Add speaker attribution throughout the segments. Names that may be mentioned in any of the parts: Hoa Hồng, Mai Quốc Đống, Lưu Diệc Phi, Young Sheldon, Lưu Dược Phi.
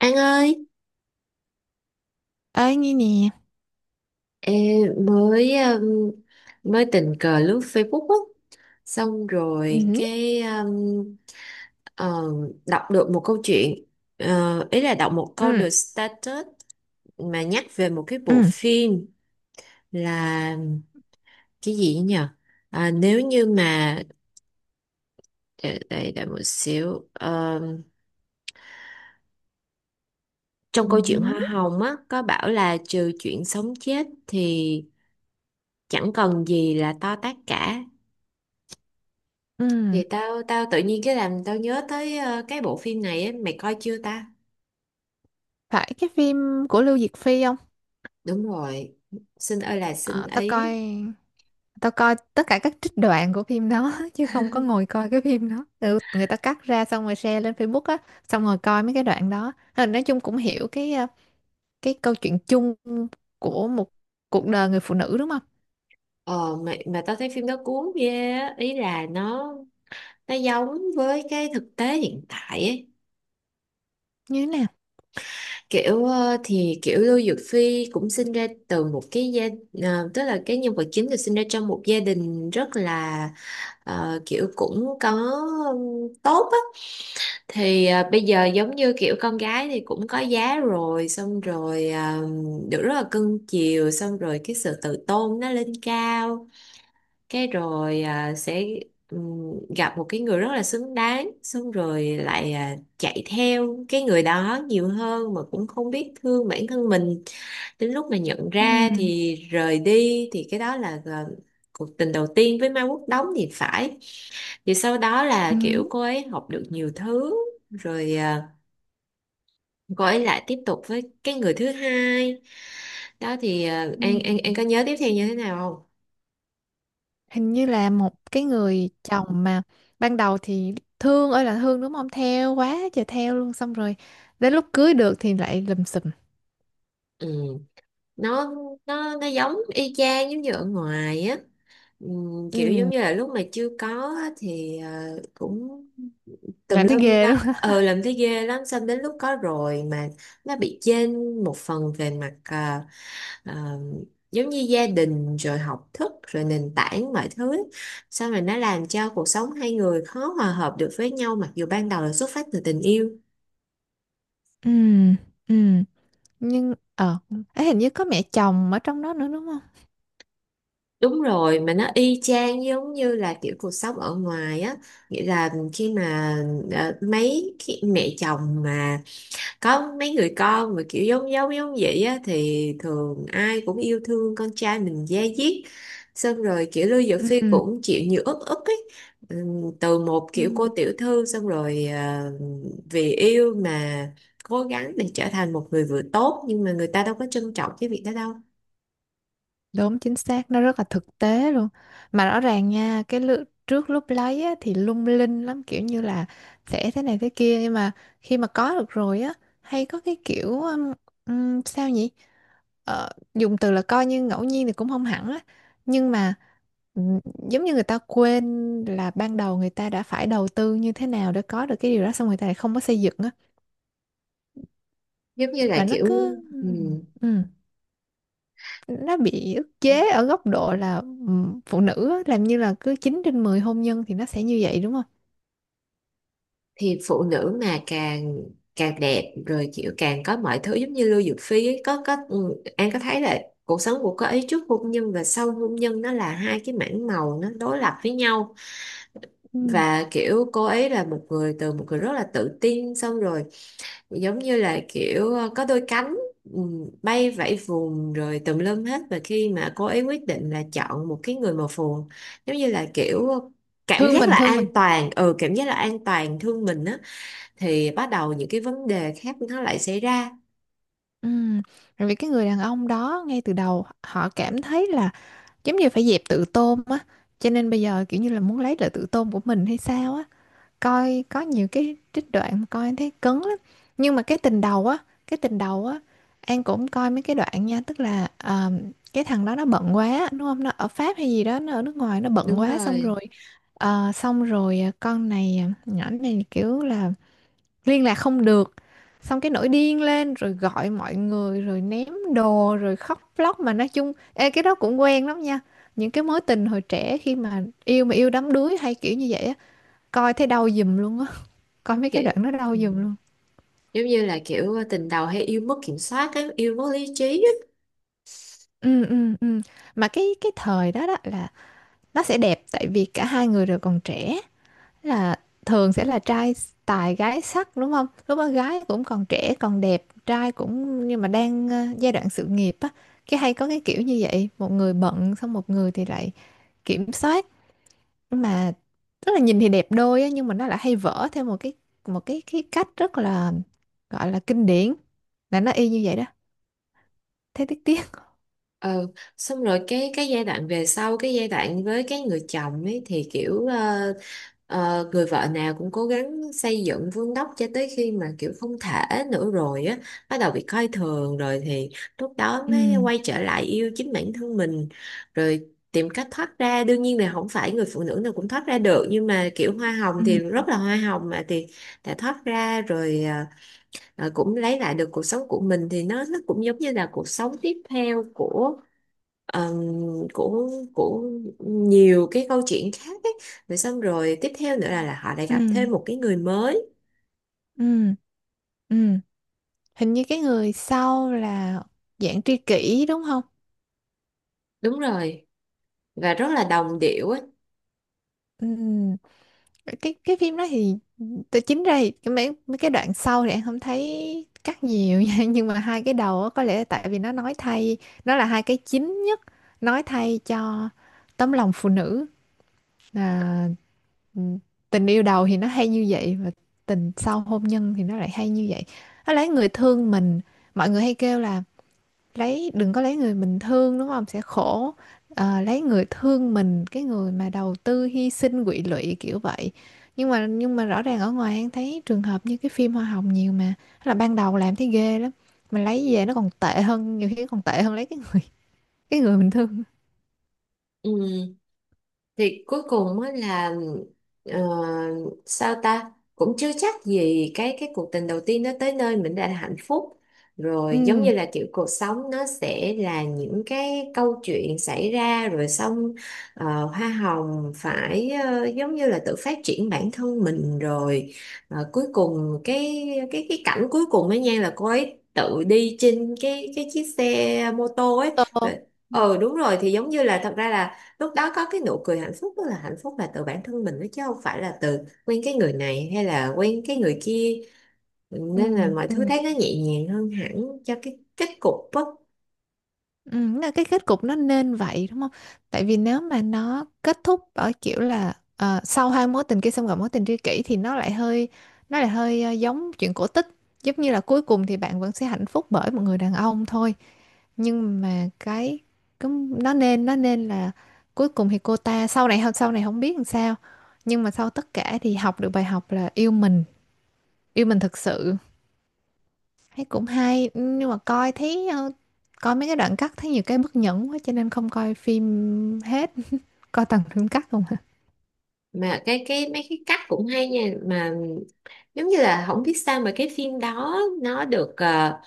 Speaker 1: An ơi,
Speaker 2: Ê, nghe nè.
Speaker 1: ê, mới mới tình cờ lướt Facebook á, xong rồi
Speaker 2: Ừ.
Speaker 1: cái ờ, đọc được một câu chuyện. Ý là đọc một câu
Speaker 2: Ừ,
Speaker 1: được status mà nhắc về một cái bộ
Speaker 2: ừ,
Speaker 1: phim là cái gì nhỉ? À, nếu như mà để một xíu. Ờ, trong
Speaker 2: ừ,
Speaker 1: câu chuyện Hoa Hồng á có bảo là trừ chuyện sống chết thì chẳng còn gì là to tát cả.
Speaker 2: ừ.
Speaker 1: Vậy tao tao tự nhiên cái làm tao nhớ tới cái bộ phim này ấy, mày coi chưa ta?
Speaker 2: Phải cái phim của Lưu Diệc Phi không?
Speaker 1: Đúng rồi. Xin ơi là xin
Speaker 2: Ờ,
Speaker 1: ấy.
Speaker 2: tao coi tất cả các trích đoạn của phim đó chứ không có ngồi coi cái phim đó. Ừ, người ta cắt ra xong rồi share lên Facebook á, xong rồi coi mấy cái đoạn đó. Ờ, Nói chung cũng hiểu cái câu chuyện chung của một cuộc đời người phụ nữ đúng không?
Speaker 1: Mà tao thấy phim đó cuốn ghê á, ý là nó giống với cái thực tế hiện tại ấy.
Speaker 2: Như thế nào?
Speaker 1: Kiểu thì kiểu Lưu Dược Phi cũng sinh ra từ một tức là cái nhân vật chính được sinh ra trong một gia đình rất là kiểu cũng có tốt á, thì bây giờ giống như kiểu con gái thì cũng có giá rồi, xong rồi được rất là cưng chiều, xong rồi cái sự tự tôn nó lên cao, cái rồi sẽ ừm, gặp một cái người rất là xứng đáng, xong rồi lại chạy theo cái người đó nhiều hơn mà cũng không biết thương bản thân mình. Đến lúc mà nhận ra
Speaker 2: Ừ,
Speaker 1: thì rời đi, thì cái đó là cuộc tình đầu tiên với Mai Quốc Đống thì phải. Thì sau đó là kiểu
Speaker 2: ừ,
Speaker 1: cô ấy học được nhiều thứ rồi, quay lại tiếp tục với cái người thứ hai đó thì
Speaker 2: ừ.
Speaker 1: An có nhớ tiếp theo như thế nào không?
Speaker 2: Hình như là một cái người chồng mà ban đầu thì thương ơi là thương, đúng không, theo quá trời, theo luôn, xong rồi đến lúc cưới được thì lại lùm xùm.
Speaker 1: Ừ. Nó nó giống y chang giống như ở ngoài á. Kiểu giống
Speaker 2: Ừ,
Speaker 1: như là lúc mà chưa có á, thì cũng tùm
Speaker 2: làm thấy
Speaker 1: lum
Speaker 2: ghê
Speaker 1: lắm,
Speaker 2: luôn.
Speaker 1: ờ làm thấy ghê lắm, xong đến lúc có rồi mà nó bị chênh một phần về mặt à, giống như gia đình rồi học thức rồi nền tảng mọi thứ, xong rồi nó làm cho cuộc sống hai người khó hòa hợp được với nhau, mặc dù ban đầu là xuất phát từ tình yêu.
Speaker 2: Ừ, ừ, nhưng ấy hình như có mẹ chồng ở trong đó nữa đúng không?
Speaker 1: Đúng rồi, mà nó y chang giống như là kiểu cuộc sống ở ngoài á, nghĩa là khi mà mấy khi mẹ chồng mà có mấy người con mà kiểu giống giống giống vậy á thì thường ai cũng yêu thương con trai mình da diết, xong rồi kiểu Lưu Dược Phi
Speaker 2: Ừ,
Speaker 1: cũng chịu nhiều ức ức ấy. Từ một
Speaker 2: ừ.
Speaker 1: kiểu cô tiểu thư, xong rồi vì yêu mà cố gắng để trở thành một người vợ tốt, nhưng mà người ta đâu có trân trọng cái việc đó đâu.
Speaker 2: Đúng chính xác, nó rất là thực tế luôn. Mà rõ ràng nha, trước lúc lấy á, thì lung linh lắm, kiểu như là sẽ thế này thế kia, nhưng mà khi mà có được rồi á, hay có cái kiểu, sao nhỉ? Ờ, dùng từ là coi như ngẫu nhiên thì cũng không hẳn á, nhưng mà ừm, giống như người ta quên là ban đầu người ta đã phải đầu tư như thế nào để có được cái điều đó, xong người ta lại không có xây dựng á,
Speaker 1: Giống như là
Speaker 2: mà nó
Speaker 1: kiểu
Speaker 2: cứ, ừ, nó bị ức chế ở góc độ là, phụ nữ á, làm như là cứ 9 trên 10 hôn nhân thì nó sẽ như vậy đúng không?
Speaker 1: thì phụ nữ mà càng càng đẹp rồi kiểu càng có mọi thứ giống như Lưu Dược Phi ấy, có ừ, An có thấy là cuộc sống của cô ấy trước hôn nhân và sau hôn nhân nó là hai cái mảng màu nó đối lập với nhau,
Speaker 2: Ừ.
Speaker 1: và kiểu cô ấy là một người từ một người rất là tự tin, xong rồi giống như là kiểu có đôi cánh bay vẫy vùng rồi tùm lum hết. Và khi mà cô ấy quyết định là chọn một cái người màu phù, giống như là kiểu cảm
Speaker 2: Thương
Speaker 1: giác
Speaker 2: mình,
Speaker 1: là
Speaker 2: thương mình.
Speaker 1: an toàn, ừ cảm giác là an toàn thương mình á, thì bắt đầu những cái vấn đề khác nó lại xảy ra.
Speaker 2: Ừm, Rồi vì cái người đàn ông đó ngay từ đầu họ cảm thấy là giống như phải dẹp tự tôn á, cho nên bây giờ kiểu như là muốn lấy lại tự tôn của mình hay sao á. Coi có nhiều cái trích đoạn mà coi em thấy cứng lắm, nhưng mà cái tình đầu á, An cũng coi mấy cái đoạn nha, tức là ờ, cái thằng đó nó bận quá đúng không, nó ở Pháp hay gì đó, nó ở nước ngoài, nó bận
Speaker 1: Đúng
Speaker 2: quá, xong
Speaker 1: rồi
Speaker 2: rồi ờ, nhỏ này kiểu là liên lạc không được, xong cái nổi điên lên rồi gọi mọi người rồi ném đồ rồi khóc lóc. Mà nói chung ê, cái đó cũng quen lắm nha, những cái mối tình hồi trẻ khi mà yêu đắm đuối hay kiểu như vậy á, coi thấy đau giùm luôn á, coi mấy cái đoạn
Speaker 1: kiểu
Speaker 2: nó đâu
Speaker 1: ừ.
Speaker 2: dừng luôn.
Speaker 1: Giống như là kiểu tình đầu hay yêu mất kiểm soát á, yêu mất lý trí.
Speaker 2: Ừ, mà cái thời đó đó là nó sẽ đẹp tại vì cả hai người đều còn trẻ, là thường sẽ là trai tài gái sắc đúng không, lúc đó gái cũng còn trẻ còn đẹp, trai cũng, nhưng mà đang ờ, giai đoạn sự nghiệp á, cái hay có cái kiểu như vậy, một người bận xong một người thì lại kiểm soát. Mà tức là nhìn thì đẹp đôi á, nhưng mà nó lại hay vỡ theo một cái cái cách rất là gọi là kinh điển, là nó y như vậy đó, thế tiếc, tiếc.
Speaker 1: Ừ, xong rồi cái giai đoạn với cái người chồng ấy thì kiểu người vợ nào cũng cố gắng xây dựng vun đắp cho tới khi mà kiểu không thể nữa rồi á, bắt đầu bị coi thường rồi thì lúc đó
Speaker 2: Ừ,
Speaker 1: mới quay trở lại yêu chính bản thân mình, rồi tìm cách thoát ra. Đương nhiên là không phải người phụ nữ nào cũng thoát ra được, nhưng mà kiểu hoa hồng
Speaker 2: ừ,
Speaker 1: thì rất là hoa hồng mà, thì đã thoát ra rồi cũng lấy lại được cuộc sống của mình, thì nó cũng giống như là cuộc sống tiếp theo của ờm, của của nhiều cái câu chuyện khác ấy. Rồi xong rồi tiếp theo nữa là họ lại gặp
Speaker 2: Ừ,
Speaker 1: thêm một cái người mới.
Speaker 2: ừ, ừ. Hình như cái người sau là dạng tri kỷ đúng không?
Speaker 1: Đúng rồi, và rất là đồng điệu ấy.
Speaker 2: Ừ. Cái phim đó thì tôi chính ra thì cái mấy mấy cái đoạn sau thì em không thấy cắt nhiều nha. Nhưng mà hai cái đầu á, có lẽ tại vì nó nói thay, nó là hai cái chính nhất, nói thay cho tấm lòng phụ nữ, là ừ, tình yêu đầu thì nó hay như vậy và tình sau hôn nhân thì nó lại hay như vậy. Nó lấy người thương mình, mọi người hay kêu là lấy, đừng có lấy người mình thương, đúng không, sẽ khổ. Ờ, lấy người thương mình, cái người mà đầu tư hy sinh quỵ lụy kiểu vậy, nhưng mà rõ ràng ở ngoài em thấy trường hợp như cái phim Hoa Hồng nhiều mà. Thế là ban đầu làm thấy ghê lắm mà lấy về nó còn tệ hơn, nhiều khi còn tệ hơn lấy cái người mình thương.
Speaker 1: Ừ. Thì cuối cùng á là ờ, sao ta, cũng chưa chắc gì cái cuộc tình đầu tiên nó tới nơi mình đã là hạnh phúc. Rồi giống như
Speaker 2: Ừ,
Speaker 1: là kiểu cuộc sống nó sẽ là những cái câu chuyện xảy ra rồi xong hoa hồng phải giống như là tự phát triển bản thân mình rồi. Ờ, cuối cùng cái cảnh cuối cùng ấy nha là cô ấy tự đi trên cái chiếc xe mô tô ấy,
Speaker 2: tô, ừ,
Speaker 1: ờ đúng rồi, thì giống như là thật ra là lúc đó có cái nụ cười hạnh phúc, tức là hạnh phúc là từ bản thân mình đó chứ không phải là từ quen cái người này hay là quen cái người kia,
Speaker 2: ừ,
Speaker 1: nên là mọi thứ
Speaker 2: ừ.
Speaker 1: thấy nó nhẹ nhàng hơn hẳn cho cái kết cục á.
Speaker 2: Ừ, là cái kết cục nó nên vậy đúng không? Tại vì nếu mà nó kết thúc ở kiểu là ờ, sau hai mối tình kia xong gặp mối tình tri kỷ thì nó lại hơi ờ, giống chuyện cổ tích, giống như là cuối cùng thì bạn vẫn sẽ hạnh phúc bởi một người đàn ông thôi, nhưng mà cái nó nên, nó nên là cuối cùng thì cô ta sau này không biết làm sao, nhưng mà sau tất cả thì học được bài học là yêu mình, yêu mình thực sự, thấy cũng hay. Ừ, nhưng mà coi thấy ờ, coi mấy cái đoạn cắt thấy nhiều cái bất nhẫn quá cho nên không coi phim hết, coi toàn phim cắt không hả.
Speaker 1: Mà cái mấy cái cách cũng hay nha, mà giống như là không biết sao mà cái phim đó nó được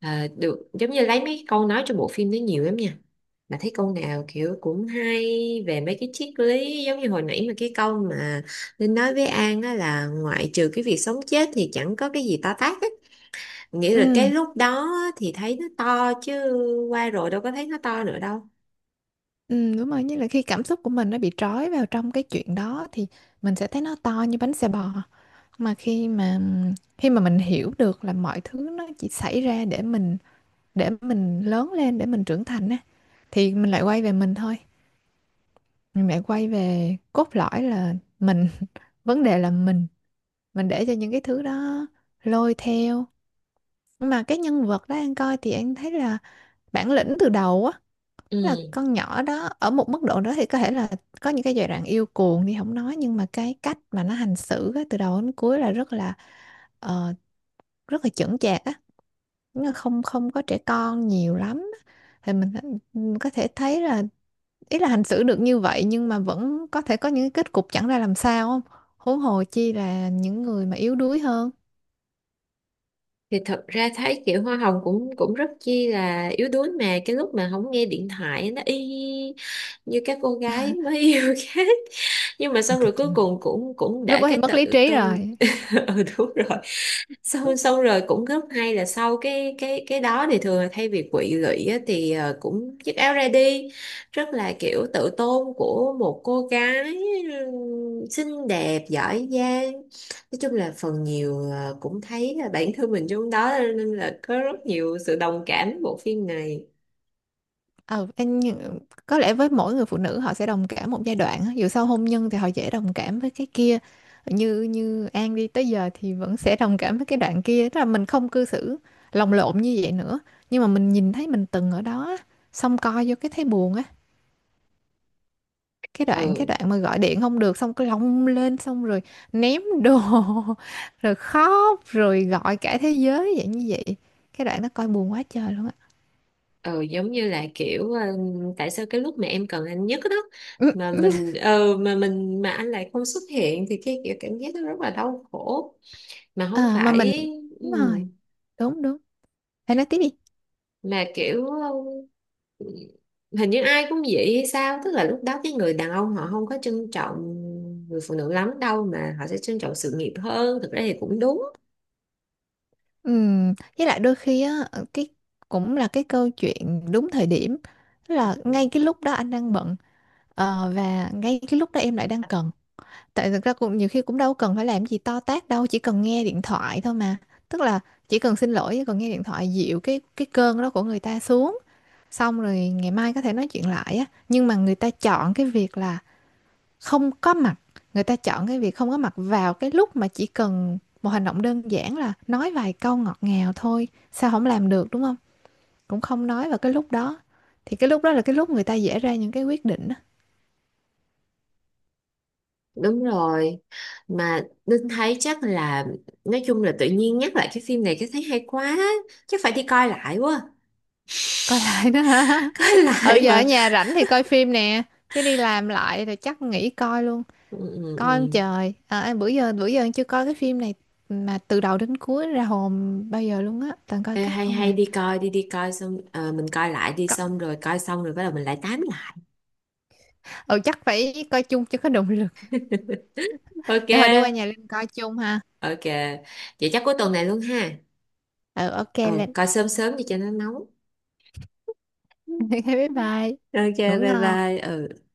Speaker 1: Ờ, được giống như lấy mấy câu nói trong bộ phim đấy nhiều lắm nha, mà thấy câu nào kiểu cũng hay về mấy cái triết lý. Giống như hồi nãy mà cái câu mà Linh nói với An á, là ngoại trừ cái việc sống chết thì chẳng có cái gì to tát á, nghĩa là cái
Speaker 2: Ừ,
Speaker 1: lúc đó thì thấy nó to chứ, qua rồi đâu có thấy nó to nữa đâu.
Speaker 2: ừ, đúng rồi, như là khi cảm xúc của mình nó bị trói vào trong cái chuyện đó thì mình sẽ thấy nó to như bánh xe bò. Mà khi mà mình hiểu được là mọi thứ nó chỉ xảy ra để mình, để mình lớn lên, để mình trưởng thành á, thì mình lại quay về mình thôi, mình lại quay về cốt lõi là mình. Vấn đề là mình để cho những cái thứ đó lôi theo. Nhưng mà cái nhân vật đó anh coi thì anh thấy là bản lĩnh từ đầu á, là
Speaker 1: Ừ,
Speaker 2: con nhỏ đó ở một mức độ đó thì có thể là có những cái giai đoạn yêu cuồng thì không nói, nhưng mà cái cách mà nó hành xử á, từ đầu đến cuối là rất là ờ, rất là chững chạc á. Nó không không có trẻ con nhiều lắm á. Thì mình có thể thấy là, ý là hành xử được như vậy nhưng mà vẫn có thể có những cái kết cục chẳng ra làm sao không, huống hồ chi là những người mà yếu đuối hơn.
Speaker 1: thì thật ra thấy kiểu hoa hồng cũng cũng rất chi là yếu đuối, mà cái lúc mà không nghe điện thoại nó y như các cô gái mới yêu khác. Nhưng mà
Speaker 2: Ờ,
Speaker 1: xong rồi cuối cùng cũng cũng
Speaker 2: lúc
Speaker 1: để
Speaker 2: đó thì
Speaker 1: cái
Speaker 2: mất lý
Speaker 1: tự
Speaker 2: trí
Speaker 1: tôn.
Speaker 2: rồi.
Speaker 1: Ừ đúng rồi, xong xong rồi cũng rất hay là sau cái đó thì thường là thay vì quỵ lụy á, thì cũng chiếc áo ra đi, rất là kiểu tự tôn của một cô gái xinh đẹp giỏi giang. Nói chung là phần nhiều cũng thấy là bản thân mình trong đó, nên là có rất nhiều sự đồng cảm với bộ phim này.
Speaker 2: Ờ em có lẽ với mỗi người phụ nữ họ sẽ đồng cảm một giai đoạn á. Dù sau hôn nhân thì họ dễ đồng cảm với cái kia, như như An đi tới giờ thì vẫn sẽ đồng cảm với cái đoạn kia, tức là mình không cư xử lồng lộn như vậy nữa, nhưng mà mình nhìn thấy mình từng ở đó á, xong coi vô cái thấy buồn á. cái đoạn cái
Speaker 1: ừ
Speaker 2: đoạn mà gọi điện không được xong cái lông lên xong rồi ném đồ rồi khóc rồi gọi cả thế giới vậy, như vậy cái đoạn nó coi buồn quá trời luôn
Speaker 1: ừ Giống như là kiểu tại sao cái lúc mà em cần anh nhất đó, mà
Speaker 2: á.
Speaker 1: mình ờ mà mình mà anh lại không xuất hiện, thì cái kiểu cảm giác nó rất là đau khổ, mà không
Speaker 2: À, mà mình,
Speaker 1: phải ừ,
Speaker 2: đúng rồi, đúng, đúng, hãy nói tiếp đi.
Speaker 1: mà kiểu ừ, hình như ai cũng vậy hay sao, tức là lúc đó cái người đàn ông họ không có trân trọng người phụ nữ lắm đâu, mà họ sẽ trân trọng sự nghiệp hơn, thực ra thì cũng đúng.
Speaker 2: Với lại đôi khi á ờ, cái cũng là cái câu chuyện đúng thời điểm. Tức là ngay cái lúc đó anh đang bận, ờ, và ngay cái lúc đó em lại đang cần, tại thực ra cũng nhiều khi cũng đâu cần phải làm gì to tát đâu, chỉ cần nghe điện thoại thôi mà, tức là chỉ cần xin lỗi, chỉ cần nghe điện thoại, dịu cái cơn đó của người ta xuống, xong rồi ngày mai có thể nói chuyện lại á. Nhưng mà người ta chọn cái việc là không có mặt, người ta chọn cái việc không có mặt vào cái lúc mà chỉ cần một hành động đơn giản là nói vài câu ngọt ngào thôi, sao không làm được đúng không, cũng không nói vào cái lúc đó, thì cái lúc đó là cái lúc người ta dễ ra những cái quyết định á.
Speaker 1: Đúng rồi, mà Linh thấy chắc là nói chung là tự nhiên nhắc lại cái phim này cái thấy hay quá, chắc phải đi coi lại quá.
Speaker 2: Coi lại đó hả.
Speaker 1: Coi
Speaker 2: Ừ
Speaker 1: lại
Speaker 2: giờ ở
Speaker 1: mà.
Speaker 2: nhà rảnh thì coi phim nè, chứ đi làm lại thì chắc nghỉ coi luôn.
Speaker 1: Ừ, ừ,
Speaker 2: Coi ông
Speaker 1: ừ.
Speaker 2: trời à, bữa giờ em chưa coi cái phim này mà từ đầu đến cuối ra hồn bao giờ luôn á, toàn coi
Speaker 1: Ê,
Speaker 2: cắt
Speaker 1: hay
Speaker 2: không
Speaker 1: hay
Speaker 2: à.
Speaker 1: đi coi đi, đi coi xong mình coi lại đi,
Speaker 2: Có-
Speaker 1: xong rồi coi xong rồi bắt đầu mình lại tám lại.
Speaker 2: ừ chắc phải coi chung cho có động lực,
Speaker 1: Ok.
Speaker 2: để hồi đi qua nhà Linh coi chung ha.
Speaker 1: Ok, vậy chắc cuối tuần này luôn ha.
Speaker 2: Ừ ok
Speaker 1: Ừ
Speaker 2: Linh.
Speaker 1: coi sớm sớm đi cho nó nóng.
Speaker 2: Bye bye,
Speaker 1: Ok
Speaker 2: ngủ
Speaker 1: bye
Speaker 2: ngon.
Speaker 1: bye ừ.